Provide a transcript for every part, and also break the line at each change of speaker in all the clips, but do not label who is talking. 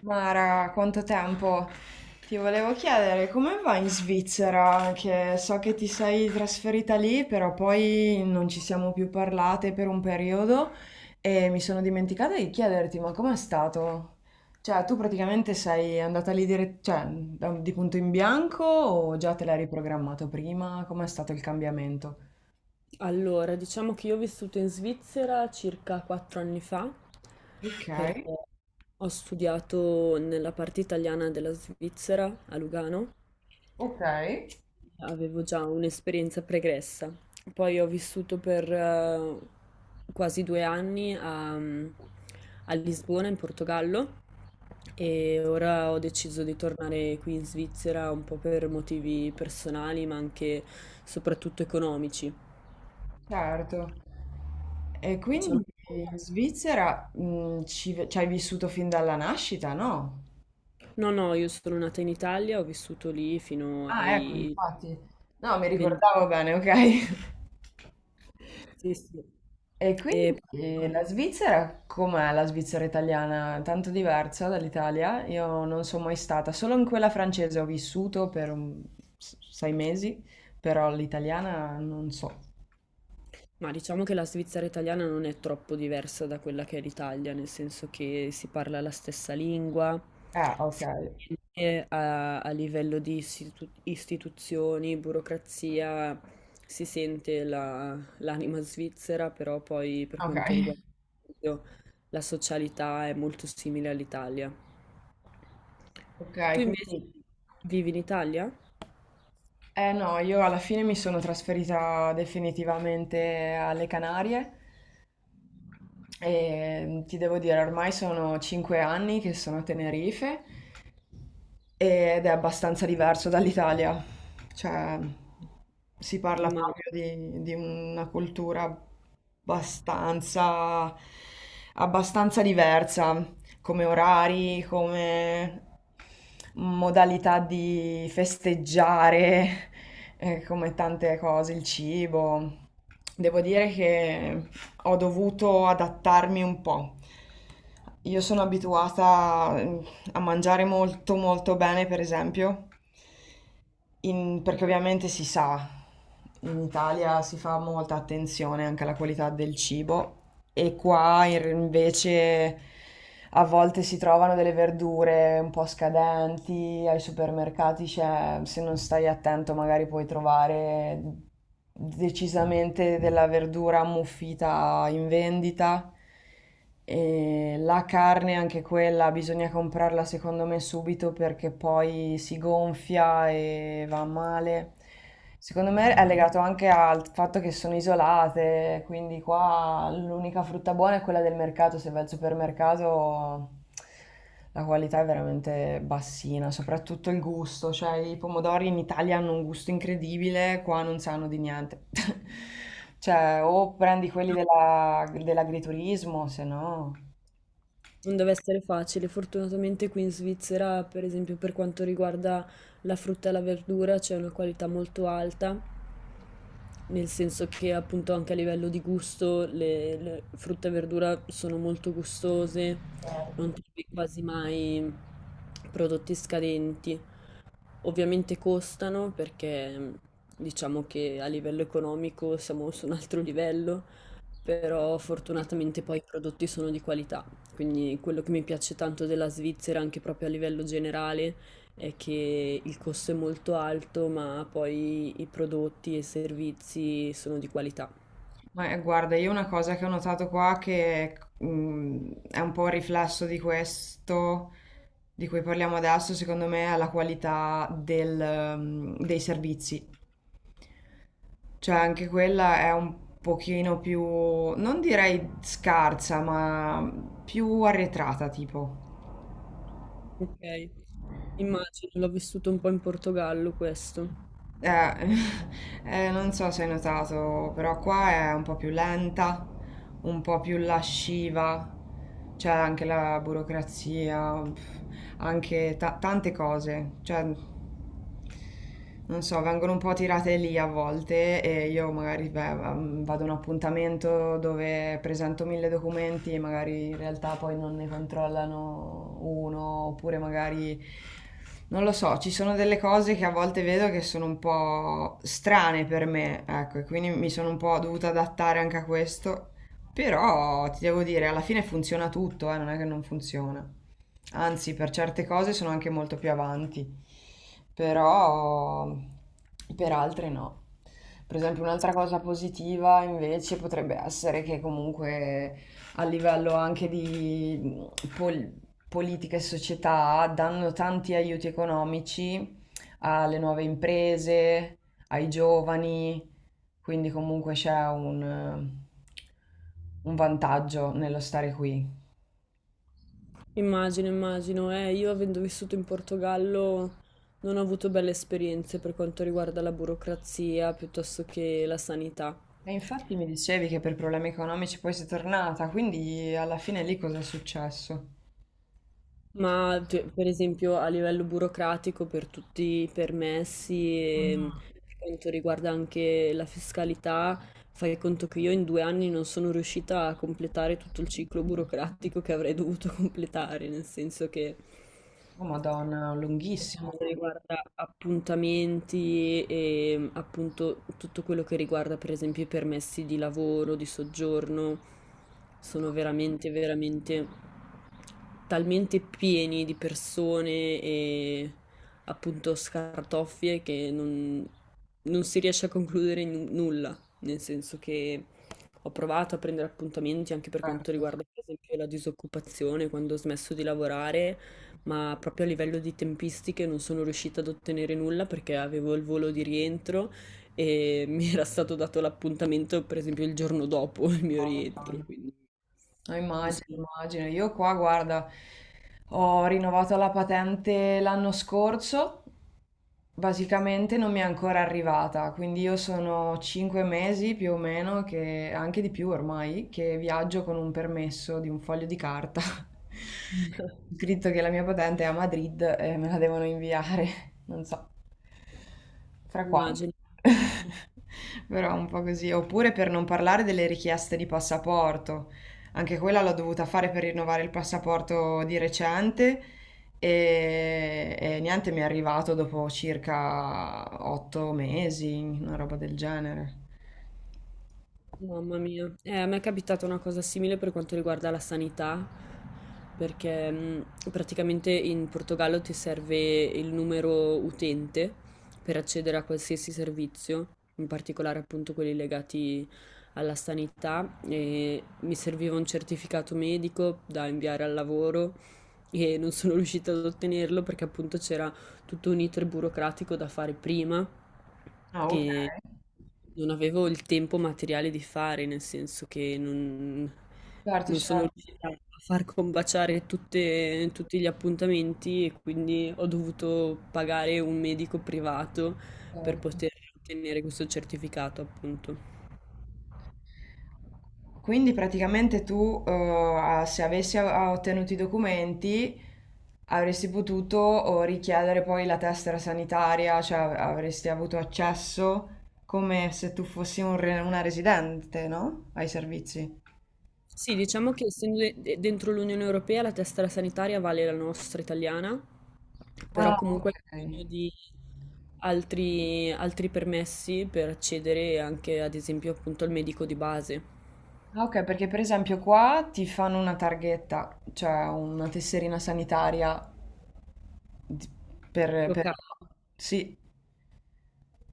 Mara, quanto tempo? Ti volevo chiedere come va in Svizzera, che so che ti sei trasferita lì, però poi non ci siamo più parlate per un periodo e mi sono dimenticata di chiederti, ma com'è stato? Cioè, tu praticamente sei andata lì cioè, di punto in bianco o già te l'hai riprogrammato prima? Com'è stato il cambiamento?
Allora, diciamo che io ho vissuto in Svizzera circa quattro anni fa,
Ok,
perché ho studiato nella parte italiana della Svizzera a Lugano,
ok.
avevo già un'esperienza pregressa. Poi ho vissuto per quasi due anni a Lisbona, in Portogallo, e ora ho deciso di tornare qui in Svizzera un po' per motivi personali, ma anche soprattutto economici.
Certo. E
Diciamo.
quindi in Svizzera, ci hai vissuto fin dalla nascita, no?
No, no, io sono nata in Italia, ho vissuto lì fino
Ah, ecco,
ai
infatti. No, mi
20.
ricordavo bene, ok.
Sì, sì.
E
E-
quindi la Svizzera, com'è la Svizzera italiana? Tanto diversa dall'Italia? Io non sono mai stata, solo in quella francese ho vissuto per 6 mesi, però l'italiana non so.
ma diciamo che la Svizzera italiana non è troppo diversa da quella che è l'Italia, nel senso che si parla la stessa lingua,
Ah, ok,
sicuramente a livello di istituzioni, burocrazia, si sente l'anima svizzera, però poi per
ok,
quanto riguarda la socialità è molto simile all'Italia.
ok,
Tu invece
quindi...
vivi in Italia?
Eh no, io alla fine mi sono trasferita definitivamente alle Canarie e ti devo dire, ormai sono 5 anni che sono a Tenerife ed è abbastanza diverso dall'Italia, cioè si parla
Immagino.
proprio di una cultura abbastanza, abbastanza diversa come orari, come modalità di festeggiare, come tante cose, il cibo. Devo dire che ho dovuto adattarmi un po'. Io sono abituata a mangiare molto molto bene, per esempio, in perché ovviamente si sa, in Italia si fa molta attenzione anche alla qualità del cibo e qua in r invece a volte si trovano delle verdure un po' scadenti, ai supermercati c'è se non stai attento magari puoi trovare decisamente della verdura ammuffita in vendita. E la carne, anche quella, bisogna comprarla secondo me subito perché poi si gonfia e va male. Secondo me è legato anche al fatto che sono isolate, quindi qua l'unica frutta buona è quella del mercato, se vai al supermercato la qualità è veramente bassina, soprattutto il gusto, cioè i pomodori in Italia hanno un gusto incredibile, qua non sanno di niente. Cioè, o prendi quelli dell'agriturismo, se no...
Non deve essere facile. Fortunatamente qui in Svizzera, per esempio, per quanto riguarda la frutta e la verdura, c'è una qualità molto alta, nel senso che appunto anche a livello di gusto le frutta e verdura sono molto gustose, non trovi quasi mai prodotti scadenti. Ovviamente costano perché diciamo che a livello economico siamo su un altro livello, però fortunatamente poi i prodotti sono di qualità, quindi quello che mi piace tanto della Svizzera, anche proprio a livello generale, è che il costo è molto alto, ma poi i prodotti e i servizi sono di qualità.
Ma guarda, io una cosa che ho notato qua che è un po' un riflesso di questo di cui parliamo adesso, secondo me, è la qualità del, dei servizi. Cioè, anche quella è un pochino più, non direi scarsa, ma più arretrata, tipo.
Ok. Immagino, l'ho vissuto un po' in Portogallo questo.
Eh, non so se hai notato, però qua è un po' più lenta, un po' più lasciva, c'è anche la burocrazia, pff, anche tante cose. Cioè, non so, vengono un po' tirate lì a volte e io magari beh, vado a un appuntamento dove presento mille documenti e magari in realtà poi non ne controllano uno, oppure magari non lo so, ci sono delle cose che a volte vedo che sono un po' strane per me, ecco, e quindi mi sono un po' dovuta adattare anche a questo. Però ti devo dire, alla fine funziona tutto, non è che non funziona. Anzi, per certe cose sono anche molto più avanti, però per altre no. Per esempio, un'altra cosa positiva invece potrebbe essere che comunque a livello anche di mh, pol- politica e società danno tanti aiuti economici alle nuove imprese, ai giovani, quindi comunque c'è un vantaggio nello stare qui.
Immagino, immagino, io avendo vissuto in Portogallo non ho avuto belle esperienze per quanto riguarda la burocrazia piuttosto che la sanità.
E infatti mi dicevi che per problemi economici poi sei tornata, quindi alla fine lì cosa è successo?
Ma per esempio a livello burocratico per tutti i permessi e per quanto riguarda anche la fiscalità, fai conto che io in due anni non sono riuscita a completare tutto il ciclo burocratico che avrei dovuto completare, nel senso che
Oh Madonna,
per
lunghissimo
quanto
il
riguarda appuntamenti e appunto tutto quello che riguarda per esempio i permessi di lavoro, di soggiorno, sono veramente, veramente talmente pieni di persone e appunto scartoffie che non, non si riesce a concludere nulla, nel senso che ho provato a prendere appuntamenti anche per quanto
concerto.
riguarda per esempio la disoccupazione quando ho smesso di lavorare, ma proprio a livello di tempistiche non sono riuscita ad ottenere nulla perché avevo il volo di rientro e mi era stato dato l'appuntamento, per esempio, il giorno dopo il mio
Oh,
rientro,
Madonna.
quindi
No,
non so,
immagino, immagino. Io qua, guarda, ho rinnovato la patente l'anno scorso, basicamente non mi è ancora arrivata, quindi io sono 5 mesi più o meno, che, anche di più ormai, che viaggio con un permesso di un foglio di carta. Scritto che la mia patente è a Madrid e me la devono inviare, non so fra quanto.
immagino.
Però un po' così. Oppure per non parlare delle richieste di passaporto. Anche quella l'ho dovuta fare per rinnovare il passaporto di recente e niente, mi è arrivato dopo circa 8 mesi, una roba del genere.
Mamma mia, a me è capitata una cosa simile per quanto riguarda la sanità, perché praticamente in Portogallo ti serve il numero utente per accedere a qualsiasi servizio, in particolare appunto quelli legati alla sanità, e mi serviva un certificato medico da inviare al lavoro e non sono riuscita ad ottenerlo perché appunto c'era tutto un iter burocratico da fare prima
Ah, ok.
che non avevo il tempo materiale di fare, nel senso che non,
Certo,
non sono
certo.
riuscita a far combaciare tutti gli appuntamenti e quindi ho dovuto pagare un medico privato per poter ottenere questo certificato, appunto.
Quindi praticamente tu, se avessi ottenuto i documenti, avresti potuto oh, richiedere poi la tessera sanitaria, cioè avresti avuto accesso come se tu fossi una residente, no? Ai servizi.
Sì, diciamo che essendo dentro l'Unione Europea la tessera sanitaria vale la nostra italiana, però
Ah,
comunque hai
ok.
bisogno di altri, altri permessi per accedere anche ad esempio appunto al medico di base.
Ah, ok, perché per esempio qua ti fanno una targhetta, cioè una tesserina sanitaria di- per...
Locale.
Sì,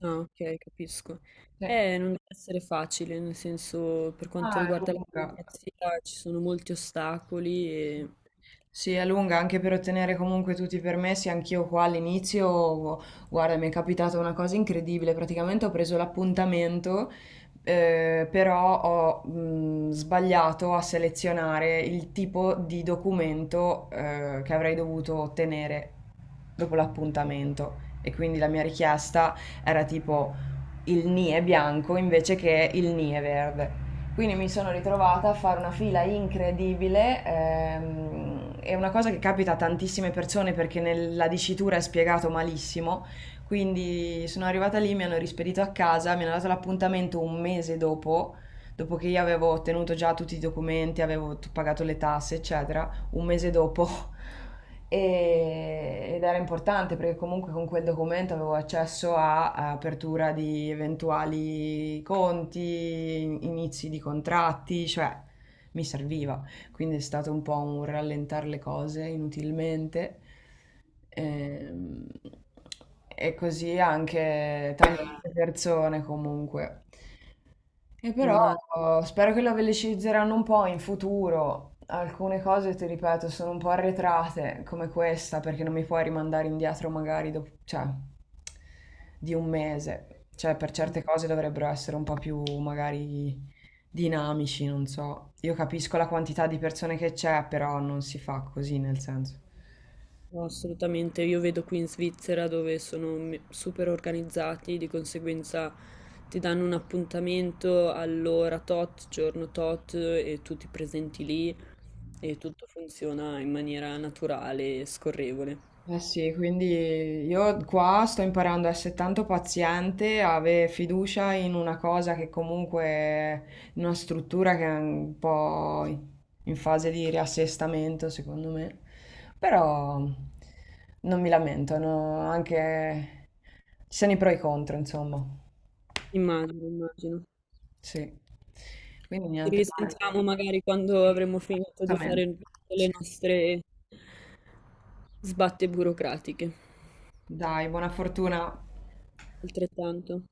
Ah, ok, capisco.
sì.
Non deve essere facile, nel senso per quanto
Ah, è
riguarda la
lunga.
burocrazia ci sono molti ostacoli e
Sì, è lunga anche per ottenere comunque tutti i permessi. Anch'io qua all'inizio, guarda, mi è capitata una cosa incredibile. Praticamente ho preso l'appuntamento, però ho sbagliato a selezionare il tipo di documento, che avrei dovuto ottenere dopo l'appuntamento. E quindi la mia richiesta era tipo il ni è bianco invece che il ni è verde. Quindi mi sono ritrovata a fare una fila incredibile. È una cosa che capita a tantissime persone perché nella dicitura è spiegato malissimo. Quindi sono arrivata lì, mi hanno rispedito a casa, mi hanno dato l'appuntamento un mese dopo, dopo che io avevo ottenuto già tutti i documenti, avevo pagato le tasse, eccetera un mese dopo. Ed era importante perché comunque con quel documento avevo accesso a apertura di eventuali conti, inizi di contratti, cioè mi serviva. Quindi è stato un po' un rallentare le cose inutilmente. Ehm, così anche tante persone comunque. E però
immagino.
oh, spero che la velocizzeranno un po' in futuro. Alcune cose, ti ripeto, sono un po' arretrate, come questa, perché non mi puoi rimandare indietro magari dopo, cioè, di un mese. Cioè, per certe cose dovrebbero essere un po' più magari dinamici, non so. Io capisco la quantità di persone che c'è, però non si fa così, nel senso.
No, assolutamente, io vedo qui in Svizzera dove sono super organizzati, di conseguenza ti danno un appuntamento all'ora tot, giorno tot e tu ti presenti lì e tutto funziona in maniera naturale e scorrevole.
Eh sì, quindi io qua sto imparando a essere tanto paziente, a avere fiducia in una cosa che comunque è in una struttura che è un po' in fase di riassestamento, secondo me. Però non mi lamento, no, anche ci sono i pro e i contro, insomma.
Immagino, immagino.
Sì. Quindi
Ci
niente. Male.
risentiamo magari quando
Sì,
avremo finito di fare
assolutamente.
tutte le
Sì.
nostre sbatte burocratiche.
Dai, buona fortuna.
Altrettanto.